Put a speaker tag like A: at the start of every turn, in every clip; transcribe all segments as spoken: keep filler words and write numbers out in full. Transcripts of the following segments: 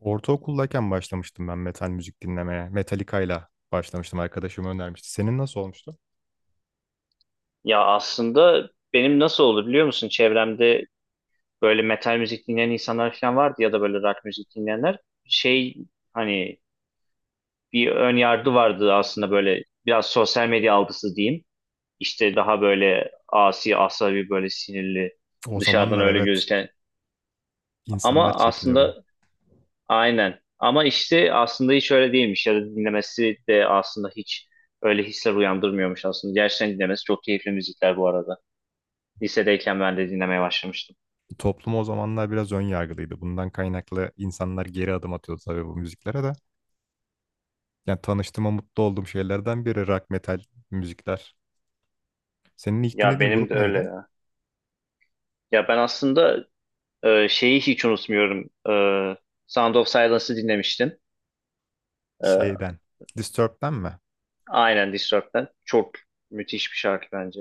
A: Ortaokuldayken başlamıştım ben metal müzik dinlemeye. Metallica'yla başlamıştım. Arkadaşım önermişti. Senin nasıl olmuştu?
B: Ya aslında benim nasıl oldu biliyor musun? Çevremde böyle metal müzik dinleyen insanlar falan vardı ya da böyle rock müzik dinleyenler. Şey, hani, bir ön yargı vardı aslında, böyle biraz sosyal medya algısı diyeyim. İşte daha böyle asi, asabi, böyle sinirli,
A: O
B: dışarıdan
A: zamanlar
B: öyle
A: evet,
B: gözüken.
A: insanlar
B: Ama aslında,
A: çekiniyordu.
B: aynen. Ama işte aslında hiç öyle değilmiş ya da dinlemesi de aslında hiç öyle hisler uyandırmıyormuş aslında. Gerçekten dinlemesi çok keyifli müzikler bu arada. Lisedeyken ben de dinlemeye başlamıştım.
A: Toplum o zamanlar biraz ön yargılıydı. Bundan kaynaklı insanlar geri adım atıyordu tabii bu müziklere de. Yani tanıştığıma mutlu olduğum şeylerden biri rock metal müzikler. Senin ilk
B: Ya
A: dinlediğin
B: benim
A: grup
B: de öyle
A: neydi?
B: ya. Ya ben aslında e, şeyi hiç unutmuyorum. E, Sound of Silence'ı dinlemiştim. E,
A: Şeyden. Disturbed'den mi?
B: aynen Disturbed'den. Çok müthiş bir şarkı bence.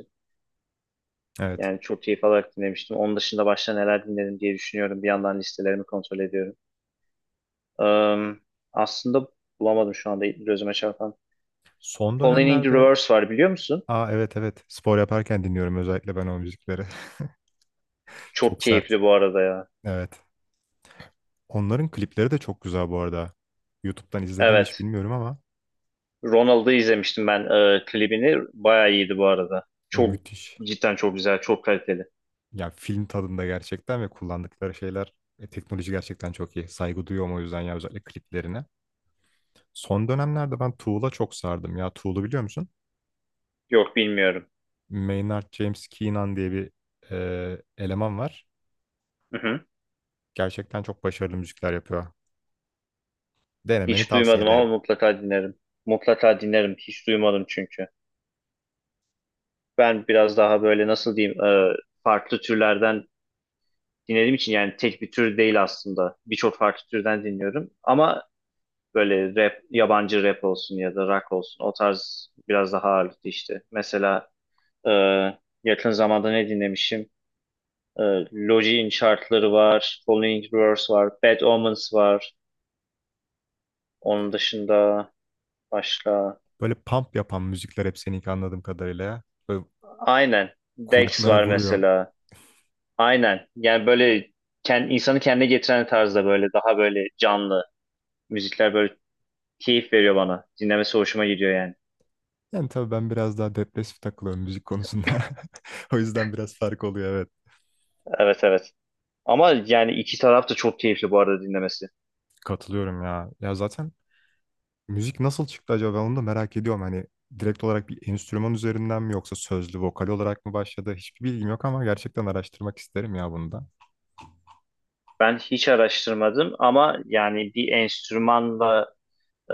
A: Evet.
B: Yani çok keyif alarak dinlemiştim. Onun dışında başka neler dinledim diye düşünüyorum. Bir yandan listelerimi kontrol ediyorum. E, aslında bulamadım şu anda gözüme çarpan.
A: Son
B: Falling in the
A: dönemlerde.
B: Reverse var, biliyor musun?
A: Aa, evet evet. Spor yaparken dinliyorum özellikle ben o müzikleri.
B: Çok
A: Çok sert.
B: keyifli bu arada ya.
A: Evet. Onların klipleri de çok güzel bu arada. YouTube'dan izledim mi hiç
B: Evet.
A: bilmiyorum ama
B: Ronald'ı izlemiştim ben, e, klibini. Bayağı iyiydi bu arada.
A: e,
B: Çok,
A: müthiş.
B: cidden çok güzel, çok kaliteli.
A: Ya film tadında gerçekten ve kullandıkları şeyler e, teknoloji gerçekten çok iyi. Saygı duyuyorum o yüzden ya, özellikle kliplerine. Son dönemlerde ben Tool'a çok sardım ya. Tool'u biliyor musun?
B: Yok, bilmiyorum.
A: Maynard James Keenan diye bir e, eleman var.
B: Hı hı.
A: Gerçekten çok başarılı müzikler yapıyor. Denemeni
B: Hiç
A: tavsiye
B: duymadım ama
A: ederim.
B: mutlaka dinlerim. Mutlaka dinlerim. Hiç duymadım çünkü. Ben biraz daha böyle, nasıl diyeyim, e, farklı türlerden dinlediğim için, yani tek bir tür değil aslında. Birçok farklı türden dinliyorum. Ama böyle rap, yabancı rap olsun ya da rock olsun, o tarz biraz daha ağırlıklı işte. Mesela e, yakın zamanda ne dinlemişim? E, Logic'in şarkıları var. Following Verse var. Bad Omens var. Onun dışında başka...
A: Böyle pump yapan müzikler hep seninki anladığım kadarıyla, ya. Böyle
B: Aynen. Dex
A: kulaklara
B: var
A: vuruyor.
B: mesela. Aynen. Yani böyle kend, insanı kendine getiren tarzda, böyle daha böyle canlı müzikler, böyle keyif veriyor bana. Dinlemesi hoşuma gidiyor yani.
A: Yani tabii ben biraz daha depresif takılıyorum müzik konusunda. O yüzden biraz fark oluyor, evet.
B: Evet, evet. Ama yani iki taraf da çok keyifli bu arada dinlemesi.
A: Katılıyorum ya. Ya zaten müzik nasıl çıktı acaba? Ben onu da merak ediyorum. Hani direkt olarak bir enstrüman üzerinden mi yoksa sözlü, vokal olarak mı başladı? Hiçbir bilgim yok ama gerçekten araştırmak isterim ya bunu da.
B: Ben hiç araştırmadım ama yani bir enstrümanla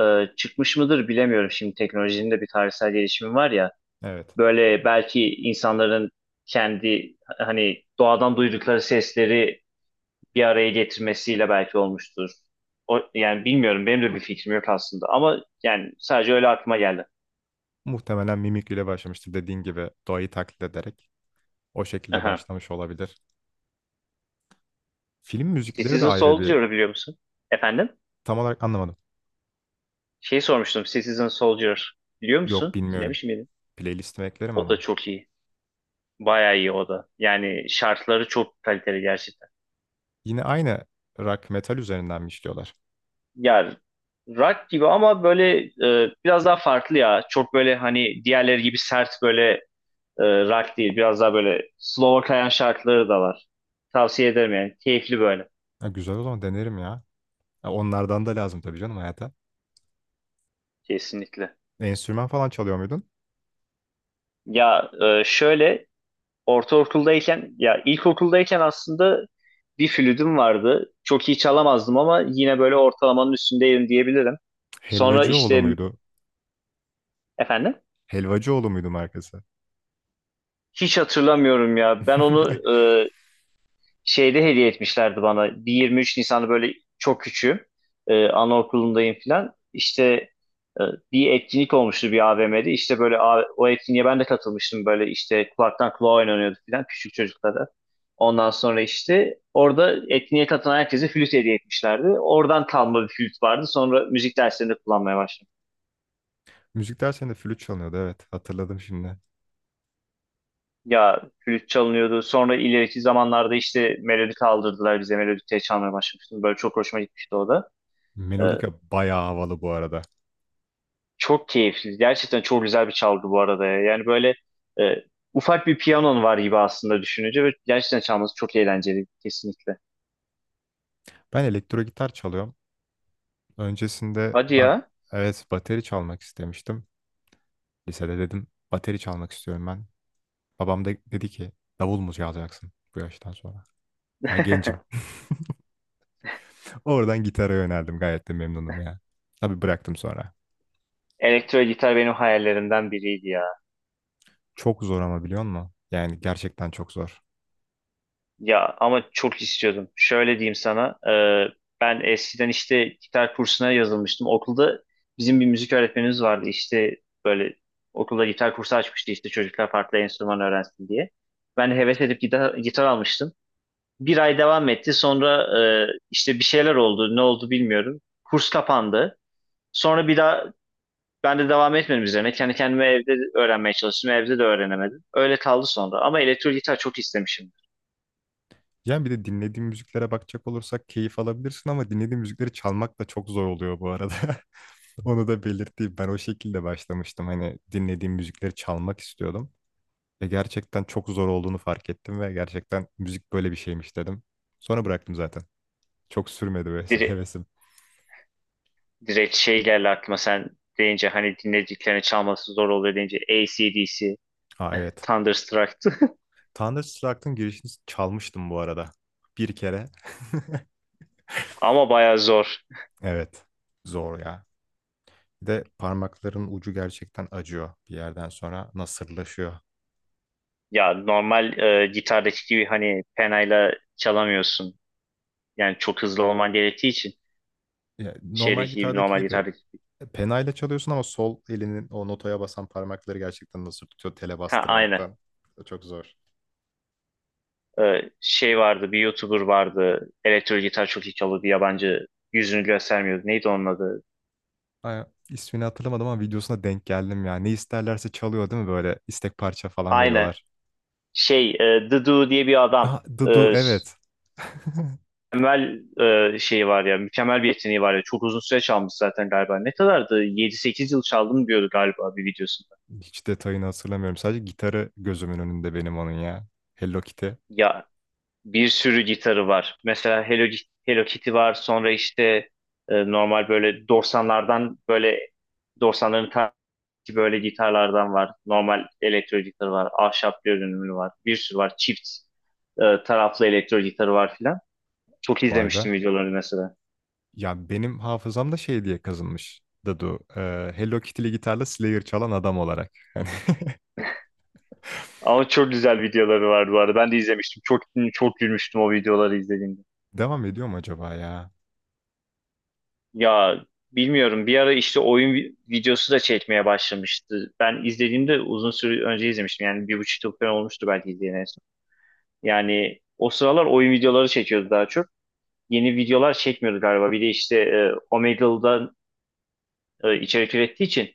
B: e, çıkmış mıdır bilemiyorum. Şimdi teknolojinin de bir tarihsel gelişimi var ya.
A: Evet.
B: Böyle belki insanların kendi, hani, doğadan duydukları sesleri bir araya getirmesiyle belki olmuştur. O, yani bilmiyorum, benim de bir fikrim yok aslında ama yani sadece öyle aklıma geldi.
A: Muhtemelen mimikriyle başlamıştır, dediğin gibi doğayı taklit ederek. O şekilde
B: Aha.
A: başlamış olabilir. Film müzikleri de
B: Citizen
A: ayrı bir
B: Soldier'ı biliyor musun? Efendim?
A: tam olarak anlamadım.
B: Şey sormuştum, Citizen Soldier biliyor
A: Yok,
B: musun?
A: bilmiyorum.
B: Dinlemiş miydin?
A: Playlistime eklerim
B: O da
A: ama.
B: çok iyi. Bayağı iyi o da. Yani şartları çok kaliteli gerçekten.
A: Yine aynı rock metal üzerinden mi işliyorlar?
B: Yani rock gibi ama böyle e, biraz daha farklı ya. Çok böyle, hani, diğerleri gibi sert böyle e, rock değil. Biraz daha böyle slow'a kayan şarkıları da var. Tavsiye ederim yani. Keyifli böyle.
A: Ha, güzel, o zaman denerim ya. Ha, onlardan da lazım tabii canım hayata.
B: Kesinlikle.
A: Enstrüman falan çalıyor muydun?
B: Ya e, şöyle, ortaokuldayken ya ilkokuldayken aslında bir flütüm vardı. Çok iyi çalamazdım ama yine böyle ortalamanın üstündeydim diyebilirim. Sonra
A: Helvacıoğlu
B: işte,
A: muydu?
B: efendim,
A: Helvacıoğlu muydu markası?
B: hiç hatırlamıyorum ya. Ben onu e, şeyde hediye etmişlerdi bana. Bir yirmi üç nisan Nisan'da, böyle çok küçüğüm. Ee, anaokulundayım falan. İşte e, bir etkinlik olmuştu bir A V M'de. İşte böyle A- o etkinliğe ben de katılmıştım. Böyle işte kulaktan kulağa oynanıyordu falan, küçük çocuklara. Ondan sonra işte orada etkinliğe katılan herkese flüt hediye etmişlerdi. Oradan kalma bir flüt vardı. Sonra müzik derslerinde kullanmaya başladım.
A: Müzik dersinde flüt çalınıyordu, evet, hatırladım şimdi.
B: Ya, flüt çalınıyordu. Sonra ileriki zamanlarda işte melodi kaldırdılar bize. Melodi çalmaya başlamıştım. Böyle çok hoşuma gitmişti o da. Ee,
A: Melodika bayağı havalı bu arada.
B: Çok keyifli. Gerçekten çok güzel bir çalgı bu arada ya. Yani böyle e, ufak bir piyanon var gibi aslında, düşününce, ve gerçekten çalması çok eğlenceli, kesinlikle.
A: Ben elektro gitar çalıyorum. Öncesinde
B: Hadi
A: ben
B: ya.
A: evet bateri çalmak istemiştim. Lisede dedim bateri çalmak istiyorum ben. Babam da dedi ki davul mu çalacaksın bu yaştan sonra? Daha gencim. Oradan gitara yöneldim. Gayet de memnunum ya. Tabii bıraktım sonra.
B: Elektro gitar benim hayallerimden biriydi ya.
A: Çok zor ama biliyor musun? Yani gerçekten çok zor.
B: Ya ama çok istiyordum. Şöyle diyeyim sana. e, ben eskiden işte gitar kursuna yazılmıştım. Okulda bizim bir müzik öğretmenimiz vardı. İşte böyle okulda gitar kursu açmıştı, işte çocuklar farklı enstrüman öğrensin diye. Ben heves edip gitar, gitar almıştım. Bir ay devam etti. Sonra e, işte bir şeyler oldu. Ne oldu bilmiyorum. Kurs kapandı. Sonra bir daha ben de devam etmedim üzerine. Kendi kendime evde öğrenmeye çalıştım. Evde de öğrenemedim. Öyle kaldı sonra. Ama elektro gitar çok istemişim.
A: Yani bir de dinlediğim müziklere bakacak olursak keyif alabilirsin ama dinlediğim müzikleri çalmak da çok zor oluyor bu arada. Onu da belirteyim. Ben o şekilde başlamıştım. Hani dinlediğim müzikleri çalmak istiyordum. Ve gerçekten çok zor olduğunu fark ettim ve gerçekten müzik böyle bir şeymiş dedim. Sonra bıraktım zaten. Çok sürmedi böyle
B: Dire
A: hevesim.
B: direkt şey geldi aklıma sen deyince, hani dinlediklerini çalması zor oluyor deyince, A C D C
A: Aa, evet.
B: Thunderstruck'tı.
A: Thunderstruck'ın girişini çalmıştım bu arada. Bir kere.
B: Ama bayağı zor.
A: Evet. Zor ya. Bir de parmakların ucu gerçekten acıyor bir yerden sonra. Nasırlaşıyor.
B: Ya, normal e, gitardaki gibi hani penayla çalamıyorsun. Yani çok hızlı olman gerektiği için,
A: Ya, normal
B: şeydeki gibi,
A: gitardaki
B: normal
A: gibi
B: gitardaki.
A: e, penayla çalıyorsun ama sol elinin o notaya basan parmakları gerçekten nasır tutuyor tele
B: Ha, aynen.
A: bastırmaktan. Çok zor.
B: Ee, şey vardı, bir YouTuber vardı, elektro gitar çok iyi çalıyor, bir yabancı, yüzünü göstermiyordu. Neydi onun adı?
A: Ay, ismini hatırlamadım ama videosuna denk geldim ya. Ne isterlerse çalıyor değil mi, böyle istek parça falan
B: Aynen,
A: veriyorlar.
B: şey, e, The Do diye bir adam,
A: Ah,
B: e,
A: Dudu,
B: s-
A: evet.
B: mükemmel e, şeyi var ya, mükemmel bir yeteneği var ya. Çok uzun süre çalmış zaten galiba. Ne kadardı, yedi sekize yıl çaldım diyordu galiba bir videosunda.
A: Hiç detayını hatırlamıyorum. Sadece gitarı gözümün önünde benim, onun ya. Hello Kitty.
B: Ya, bir sürü gitarı var mesela. Hello, Hello Kitty var, sonra işte e, normal böyle doksanlardan, böyle doksanların. Ki böyle gitarlardan var. Normal elektro gitar var. Ahşap görünümlü var. Bir sürü var. Çift e, taraflı elektro gitarı var filan. Çok
A: Vay be.
B: izlemiştim videoları mesela.
A: Ya benim hafızamda şey diye kazınmış. Dadu. Ee, Hello Kitty'li gitarla Slayer çalan adam olarak. Hani
B: Ama çok güzel videoları vardı bu arada. Ben de izlemiştim. Çok çok gülmüştüm o videoları izlediğimde.
A: devam ediyor mu acaba ya?
B: Ya bilmiyorum. Bir ara işte oyun vi- videosu da çekmeye başlamıştı. Ben izlediğimde uzun süre önce izlemiştim. Yani bir buçuk yıl falan olmuştu belki izleyen en son. Yani o sıralar oyun videoları çekiyordu daha çok. Yeni videolar çekmiyordu galiba. Bir de işte e, Omegle'dan e, içerik ürettiği için,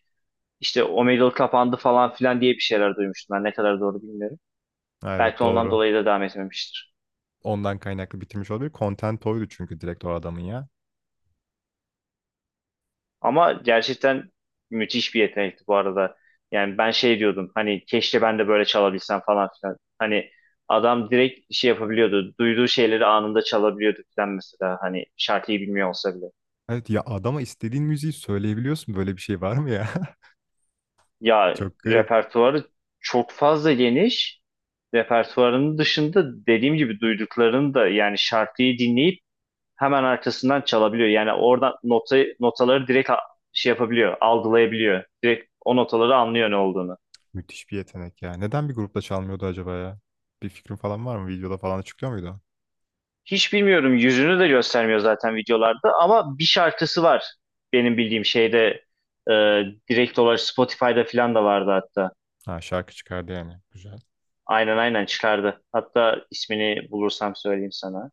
B: işte o Omegle kapandı falan filan diye bir şeyler duymuştum, ben ne kadar doğru bilmiyorum.
A: Ha, evet,
B: Belki ondan
A: doğru.
B: dolayı da devam etmemiştir.
A: Ondan kaynaklı bitirmiş olabilir. Content oydu çünkü direkt o adamın ya.
B: Ama gerçekten müthiş bir yetenekti bu arada. Yani ben şey diyordum, hani keşke ben de böyle çalabilsem falan filan. Hani adam direkt şey yapabiliyordu. Duyduğu şeyleri anında çalabiliyordu filan mesela. Hani şarkıyı bilmiyor olsa bile.
A: Evet ya, adama istediğin müziği söyleyebiliyorsun. Böyle bir şey var mı ya?
B: Ya,
A: Çok garip.
B: repertuarı çok fazla geniş, repertuarının dışında dediğim gibi duyduklarını da, yani şarkıyı dinleyip hemen arkasından çalabiliyor. Yani oradan notayı, notaları direkt a- şey yapabiliyor, algılayabiliyor. Direkt o notaları anlıyor ne olduğunu.
A: Müthiş bir yetenek ya. Neden bir grupta çalmıyordu acaba ya? Bir fikrin falan var mı? Videoda falan açıklıyor muydu?
B: Hiç bilmiyorum, yüzünü de göstermiyor zaten videolarda, ama bir şarkısı var benim bildiğim şeyde, e, direkt olarak Spotify'da falan da vardı hatta.
A: Ha, şarkı çıkardı yani. Güzel.
B: Aynen, aynen çıkardı. Hatta ismini bulursam söyleyeyim sana.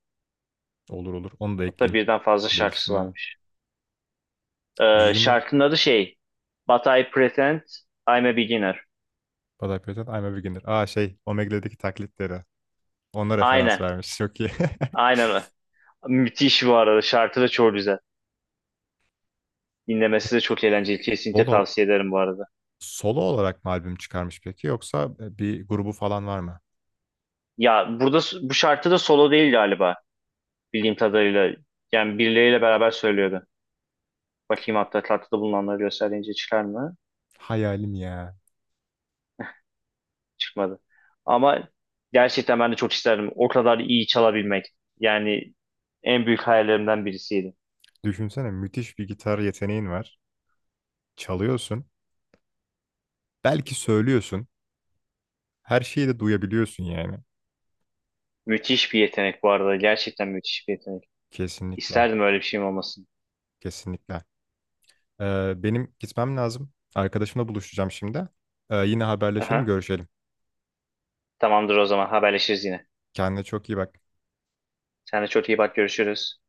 A: Olur olur. Onu da
B: Hatta
A: ekleyeyim
B: birden fazla şarkısı
A: playlistime.
B: varmış. E,
A: Yüzünü
B: şarkının adı şey But I Pretend I'm a Beginner.
A: Baday Peyton, I'm a Beginner. Aa, şey, Omegle'deki taklitleri. Ona referans
B: Aynen.
A: vermiş. Çok iyi.
B: Aynen o. Müthiş bu arada. Şarkı da çok güzel.
A: Ya,
B: Dinlemesi de çok eğlenceli. Kesinlikle
A: solo,
B: tavsiye ederim bu arada.
A: solo olarak mı albüm çıkarmış peki yoksa bir grubu falan var mı?
B: Ya, burada s- bu şarkı da solo değil galiba. Bildiğim kadarıyla. Yani birileriyle beraber söylüyordu. Bakayım, hatta tatlıda bulunanları gösterince çıkar mı?
A: Hayalim ya.
B: Çıkmadı. Ama gerçekten ben de çok isterdim. O kadar iyi çalabilmek. Yani en büyük hayallerimden birisiydi.
A: Düşünsene, müthiş bir gitar yeteneğin var. Çalıyorsun. Belki söylüyorsun. Her şeyi de duyabiliyorsun yani.
B: Müthiş bir yetenek bu arada. Gerçekten müthiş bir yetenek.
A: Kesinlikle.
B: İsterdim öyle bir şeyim olmasın.
A: Kesinlikle. Ee, benim gitmem lazım. Arkadaşımla buluşacağım şimdi. Ee, yine haberleşelim,
B: Aha.
A: görüşelim.
B: Tamamdır, o zaman haberleşiriz yine.
A: Kendine çok iyi bak.
B: Sen de çok iyi bak, görüşürüz.